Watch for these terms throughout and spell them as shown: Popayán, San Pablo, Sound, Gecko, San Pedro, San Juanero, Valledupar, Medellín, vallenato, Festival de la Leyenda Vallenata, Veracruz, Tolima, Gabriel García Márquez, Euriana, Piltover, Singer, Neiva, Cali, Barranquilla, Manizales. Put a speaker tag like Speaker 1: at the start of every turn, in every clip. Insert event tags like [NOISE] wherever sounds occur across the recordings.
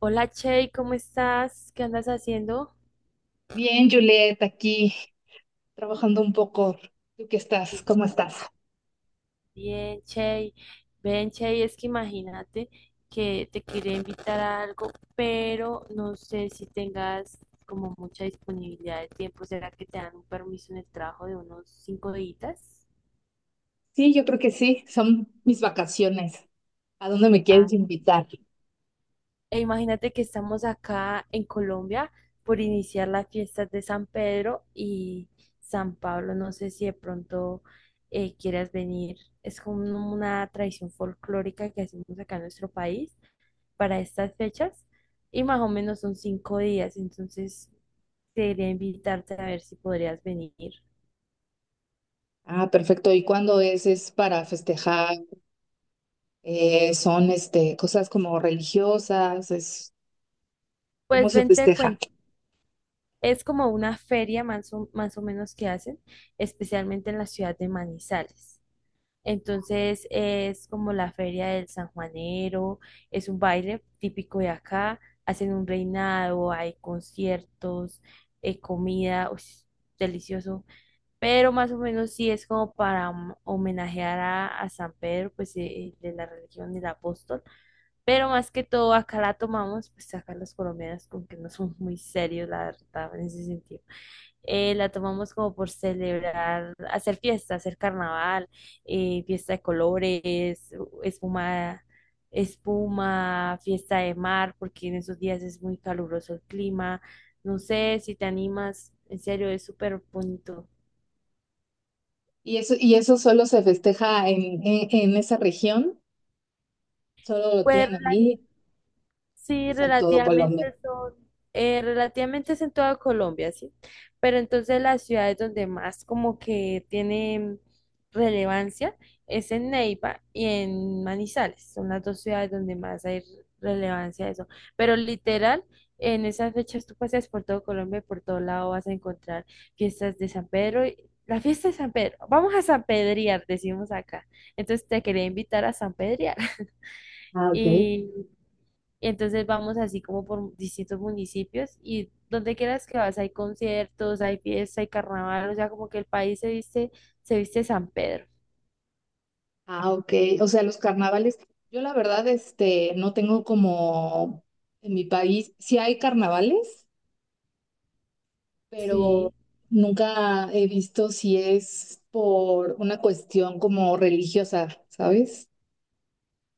Speaker 1: Hola Chey, ¿cómo estás? ¿Qué andas haciendo?
Speaker 2: Bien, Juliet, aquí trabajando un poco. ¿Tú qué estás? ¿Cómo estás?
Speaker 1: Bien, Chey, ven, Chey, es que imagínate que te quería invitar a algo, pero no sé si tengas como mucha disponibilidad de tiempo. ¿Será que te dan un permiso en el trabajo de unos cinco días?
Speaker 2: Sí, yo creo que sí. Son mis vacaciones. ¿A dónde me quieres invitar?
Speaker 1: E imagínate que estamos acá en Colombia por iniciar las fiestas de San Pedro y San Pablo. No sé si de pronto quieras venir. Es como una tradición folclórica que hacemos acá en nuestro país para estas fechas y más o menos son cinco días. Entonces, quería invitarte a ver si podrías venir.
Speaker 2: Ah, perfecto. ¿Y cuándo es? ¿Es para festejar? ¿Son este, cosas como religiosas? ¿Es, cómo
Speaker 1: Pues
Speaker 2: se
Speaker 1: ven, te
Speaker 2: festeja?
Speaker 1: cuento. Es como una feria más o menos que hacen, especialmente en la ciudad de Manizales. Entonces es como la feria del San Juanero, es un baile típico de acá, hacen un reinado, hay conciertos, comida, uy, delicioso, pero más o menos sí es como para homenajear a San Pedro, pues de la religión del apóstol, pero más que todo acá la tomamos, pues acá los colombianos con que no son muy serios, la verdad, en ese sentido la tomamos como por celebrar, hacer fiesta, hacer carnaval, fiesta de colores, espuma, espuma, fiesta de mar, porque en esos días es muy caluroso el clima. No sé si te animas, en serio, es súper bonito.
Speaker 2: Y eso solo se festeja en esa región? Solo lo
Speaker 1: Puedes
Speaker 2: tienen ahí,
Speaker 1: sí,
Speaker 2: pues en todo Colombia.
Speaker 1: relativamente son, relativamente es en toda Colombia, sí. Pero entonces las ciudades donde más como que tienen relevancia es en Neiva y en Manizales. Son las dos ciudades donde más hay relevancia de eso. Pero literal, en esas fechas tú paseas por todo Colombia y por todo lado vas a encontrar fiestas de San Pedro. La fiesta de San Pedro, vamos a San Pedriar, decimos acá. Entonces te quería invitar a San Pedriar. [LAUGHS]
Speaker 2: Ah, ok.
Speaker 1: Y entonces vamos así como por distintos municipios y donde quieras que vas, hay conciertos, hay fiesta, hay carnaval, o sea, como que el país se viste San Pedro.
Speaker 2: Ah, ok. O sea, los carnavales, yo la verdad, este, no tengo como en mi país, sí hay carnavales, pero
Speaker 1: Sí.
Speaker 2: nunca he visto si es por una cuestión como religiosa, ¿sabes?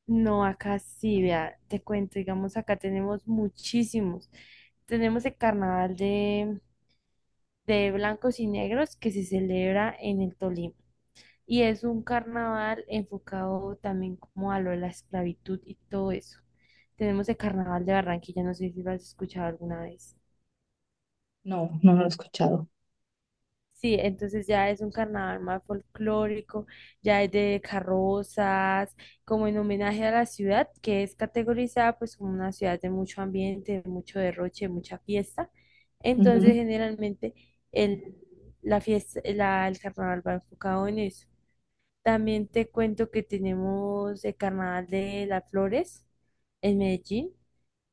Speaker 1: No, acá sí,
Speaker 2: Ah.
Speaker 1: vea, te cuento, digamos, acá tenemos muchísimos. Tenemos el carnaval de blancos y negros que se celebra en el Tolima. Y es un carnaval enfocado también como a lo de la esclavitud y todo eso. Tenemos el carnaval de Barranquilla, no sé si lo has escuchado alguna vez.
Speaker 2: No, no lo he escuchado.
Speaker 1: Sí, entonces ya es un carnaval más folclórico, ya es de carrozas, como en homenaje a la ciudad, que es categorizada pues como una ciudad de mucho ambiente, de mucho derroche, de mucha fiesta.
Speaker 2: Ujú.
Speaker 1: Entonces generalmente el, la fiesta, el carnaval va enfocado en eso. También te cuento que tenemos el carnaval de las flores en Medellín,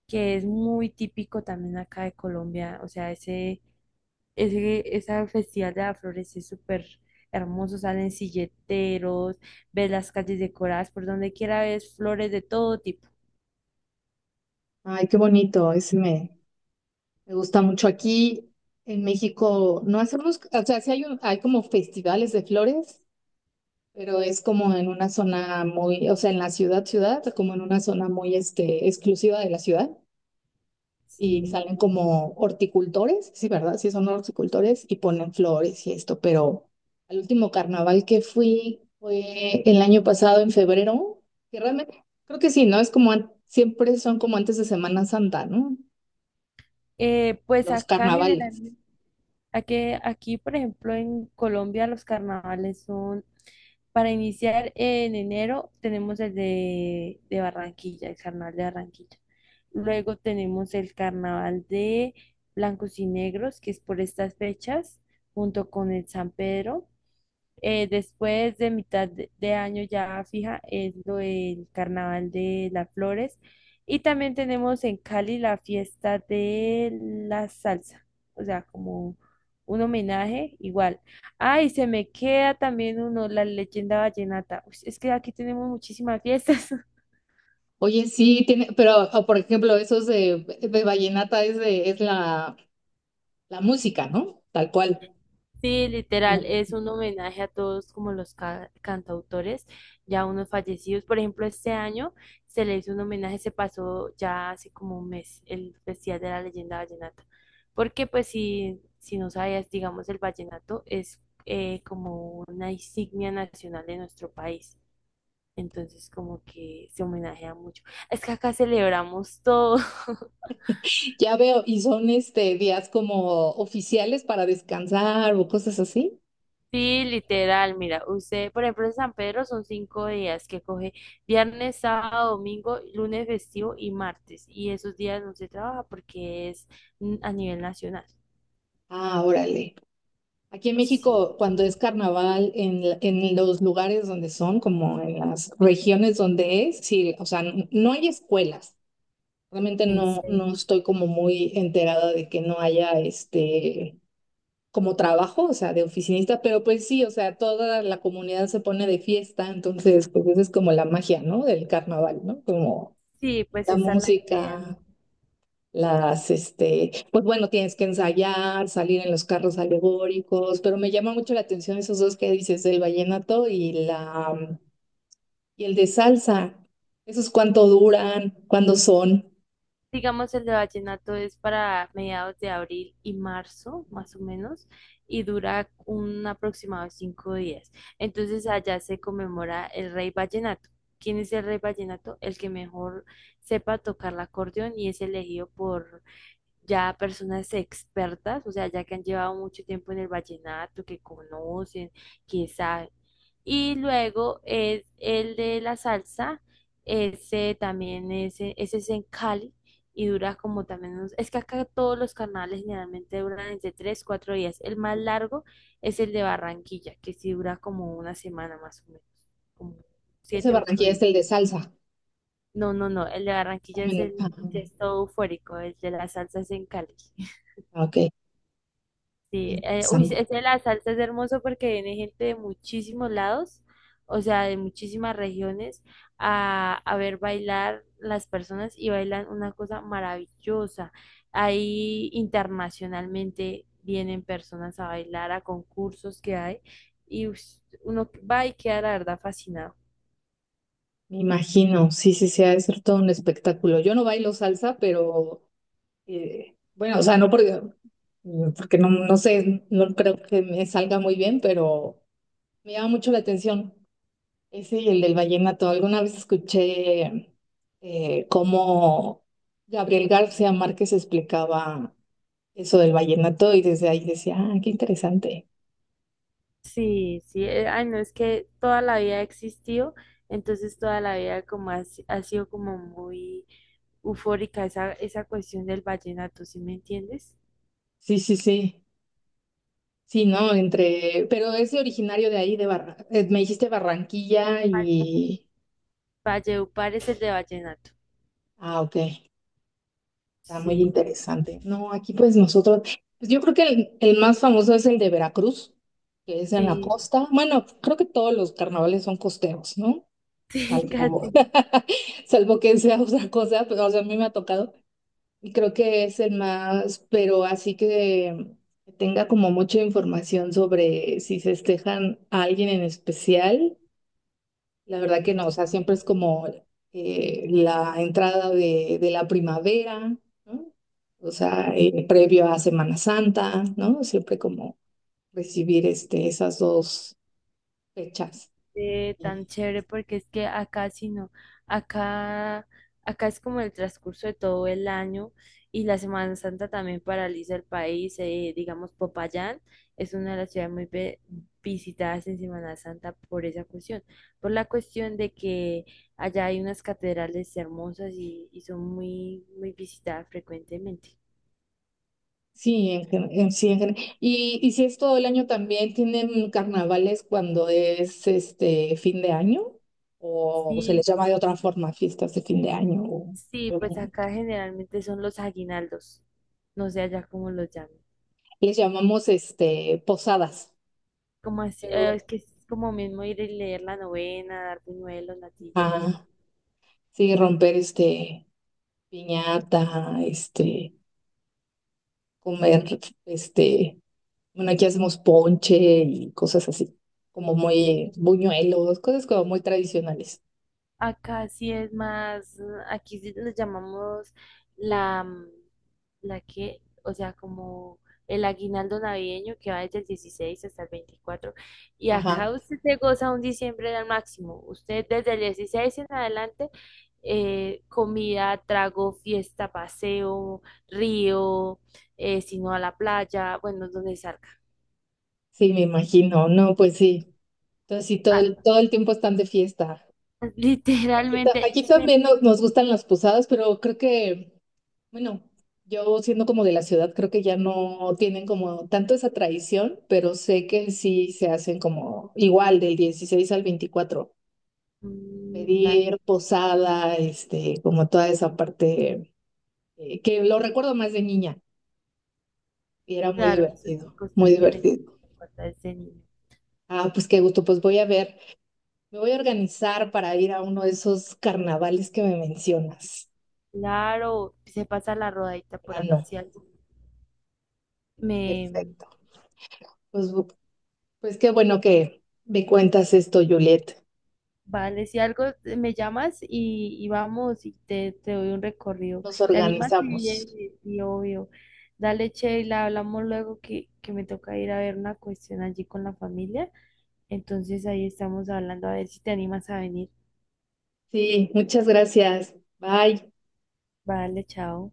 Speaker 1: que es muy típico también acá de Colombia, o sea, ese festival de las flores es súper hermoso, salen silleteros, ves las calles decoradas por donde quiera, ves flores de todo tipo.
Speaker 2: Ay, qué bonito, me gusta mucho. Aquí en México no hacemos, o sea, sí hay, hay como festivales de flores, pero es como en una zona muy, o sea, en la ciudad, ciudad, como en una zona muy este, exclusiva de la ciudad. Y
Speaker 1: Sí.
Speaker 2: salen como horticultores, sí, ¿verdad? Sí, son horticultores y ponen flores y esto, pero al último carnaval que fui fue el año pasado en febrero, que realmente creo que sí, ¿no? Es como siempre son como antes de Semana Santa, ¿no?
Speaker 1: Pues
Speaker 2: Los
Speaker 1: acá
Speaker 2: carnavales.
Speaker 1: generalmente, aquí por ejemplo en Colombia los carnavales son, para iniciar en enero tenemos el de Barranquilla, el carnaval de Barranquilla. Luego tenemos el carnaval de Blancos y Negros, que es por estas fechas, junto con el San Pedro. Después de mitad de año ya fija es lo del Carnaval de las Flores. Y también tenemos en Cali la fiesta de la salsa, o sea, como un homenaje igual. Ah, y se me queda también uno, la leyenda vallenata. Uy, es que aquí tenemos muchísimas fiestas. [LAUGHS]
Speaker 2: Oye, sí, tiene, pero o, por ejemplo, esos de vallenata es de, es la, la música, ¿no? Tal cual.
Speaker 1: Sí,
Speaker 2: ¿No?
Speaker 1: literal, es un homenaje a todos como los cantautores, ya unos fallecidos. Por ejemplo, este año se le hizo un homenaje, se pasó ya hace como un mes el Festival de la Leyenda Vallenata. Porque pues si no sabías, digamos, el vallenato es como una insignia nacional de nuestro país. Entonces como que se homenajea mucho. Es que acá celebramos todo.
Speaker 2: Ya veo, y son este días como oficiales para descansar o cosas así.
Speaker 1: Sí, literal, mira, usted, por ejemplo, en San Pedro son cinco días que coge viernes, sábado, domingo, lunes festivo y martes. Y esos días no se trabaja porque es a nivel nacional.
Speaker 2: Ah, órale. Aquí en
Speaker 1: Sí,
Speaker 2: México, cuando es carnaval, en, en los lugares donde son, como en las regiones donde es, sí, o sea, no hay escuelas. Realmente
Speaker 1: en
Speaker 2: no,
Speaker 1: serio.
Speaker 2: no estoy como muy enterada de que no haya este como trabajo, o sea, de oficinista, pero pues sí, o sea, toda la comunidad se pone de fiesta, entonces, pues esa es como la magia, ¿no? Del carnaval, ¿no? Como
Speaker 1: Sí, pues
Speaker 2: la
Speaker 1: esa es la idea.
Speaker 2: música. Las, este, pues bueno, tienes que ensayar, salir en los carros alegóricos, pero me llama mucho la atención esos dos que dices, el vallenato y y el de salsa. ¿Esos cuánto duran? ¿Cuándo son?
Speaker 1: Digamos, el de vallenato es para mediados de abril y marzo, más o menos, y dura un aproximado de cinco días. Entonces allá se conmemora el rey vallenato. ¿Quién es el rey vallenato? El que mejor sepa tocar el acordeón y es elegido por ya personas expertas, o sea, ya que han llevado mucho tiempo en el vallenato, que conocen, que saben. Y luego es el de la salsa, ese también es, ese es en Cali y dura como también unos, es que acá todos los carnavales generalmente duran entre 3, 4 días. El más largo es el de Barranquilla, que sí dura como una semana más o menos, como
Speaker 2: Ese
Speaker 1: 7, 8
Speaker 2: Barranquilla es
Speaker 1: días.
Speaker 2: el de salsa.
Speaker 1: No, no, no, el de Barranquilla es
Speaker 2: Dame
Speaker 1: el
Speaker 2: ah,
Speaker 1: que es todo eufórico, el de la salsa es en Cali.
Speaker 2: ah, ok,
Speaker 1: Sí, uy,
Speaker 2: interesante.
Speaker 1: ese de la salsa es hermoso porque viene gente de muchísimos lados, o sea, de muchísimas regiones, a ver bailar las personas y bailan una cosa maravillosa. Ahí internacionalmente vienen personas a bailar a concursos que hay y ush, uno va y queda la verdad fascinado.
Speaker 2: Me imagino, sí, sí, sí, ha de ser todo un espectáculo. Yo no bailo salsa, pero bueno, o sea, porque no, no sé, no creo que me salga muy bien, pero me llama mucho la atención. Ese y el del vallenato. Alguna vez escuché cómo Gabriel García Márquez explicaba eso del vallenato y desde ahí decía, ah, qué interesante.
Speaker 1: Sí, sí, ay, no, es que toda la vida ha existido, entonces toda la vida como ha, ha sido como muy eufórica esa cuestión del vallenato, ¿sí me entiendes?
Speaker 2: Sí, sí, sí. Sí, ¿no? Entre, pero es originario de ahí, de Barra... me dijiste Barranquilla y...
Speaker 1: Valleupar es el de vallenato.
Speaker 2: Ah, ok. Está muy
Speaker 1: Sí,
Speaker 2: interesante. No, aquí pues nosotros, pues yo creo que el más famoso es el de Veracruz, que es en la
Speaker 1: sí,
Speaker 2: costa. Bueno, creo que todos los carnavales son costeros, ¿no?
Speaker 1: [LAUGHS] sí,
Speaker 2: Salvo,
Speaker 1: casi.
Speaker 2: [LAUGHS] salvo que sea otra cosa, pero o sea, a mí me ha tocado y creo que es el más, pero así que tenga como mucha información sobre si festejan a alguien en especial, la verdad que no, o sea, siempre es como la entrada de la primavera, ¿no? O sea, previo a Semana Santa, ¿no? Siempre como recibir este, esas dos fechas.
Speaker 1: Tan chévere porque es que acá sí no, acá, acá es como el transcurso de todo el año y la Semana Santa también paraliza el país, digamos Popayán es una de las ciudades muy visitadas en Semana Santa por esa cuestión, por la cuestión de que allá hay unas catedrales hermosas y son muy, muy visitadas frecuentemente.
Speaker 2: Sí, sí, en y si es todo el año también, ¿tienen carnavales cuando es este fin de año? ¿O se les
Speaker 1: Sí,
Speaker 2: llama de otra forma fiestas de fin de año?
Speaker 1: sí,
Speaker 2: O-
Speaker 1: pues acá generalmente son los aguinaldos, no sé allá cómo los llaman.
Speaker 2: les llamamos este posadas,
Speaker 1: Como
Speaker 2: pero
Speaker 1: es que es como mismo ir y leer la novena, dar buñuelos, natilla y eso.
Speaker 2: ah, sí, romper este piñata, este, comer, este, bueno, aquí hacemos ponche y cosas así, como muy buñuelos, cosas como muy tradicionales.
Speaker 1: Acá sí es más, aquí sí le llamamos la, la que, o sea, como el aguinaldo navideño que va desde el 16 hasta el 24. Y
Speaker 2: Ajá,
Speaker 1: acá usted se goza un diciembre al máximo. Usted desde el 16 en adelante, comida, trago, fiesta, paseo, río, si no a la playa, bueno, donde salga.
Speaker 2: sí, me imagino, no, pues sí. Entonces, sí, todo el tiempo están de fiesta.
Speaker 1: [LAUGHS]
Speaker 2: Aquí,
Speaker 1: Literalmente,
Speaker 2: aquí
Speaker 1: se
Speaker 2: también nos, nos gustan las posadas, pero creo que, bueno, yo siendo como de la ciudad, creo que ya no tienen como tanto esa tradición, pero sé que sí se hacen como igual del 16 al 24.
Speaker 1: inunda.
Speaker 2: Pedir posada, este, como toda esa parte que lo recuerdo más de niña y era muy
Speaker 1: Claro, sufre
Speaker 2: divertido, muy
Speaker 1: constantemente
Speaker 2: divertido.
Speaker 1: en la cuarta de este niño.
Speaker 2: Ah, pues qué gusto, pues voy a ver, me voy a organizar para ir a uno de esos carnavales que me mencionas.
Speaker 1: Claro, se pasa la rodadita por
Speaker 2: Ah,
Speaker 1: acá,
Speaker 2: no.
Speaker 1: si algo. Me,
Speaker 2: Perfecto. Pues, pues qué bueno que me cuentas esto, Juliet.
Speaker 1: vale, si algo me llamas y vamos y te doy un recorrido.
Speaker 2: Nos
Speaker 1: ¿Te animas? Sí,
Speaker 2: organizamos.
Speaker 1: bien, sí, obvio. Dale, Sheila, hablamos luego que me toca ir a ver una cuestión allí con la familia. Entonces ahí estamos hablando a ver si te animas a venir.
Speaker 2: Sí, muchas gracias. Bye.
Speaker 1: Vale, chao.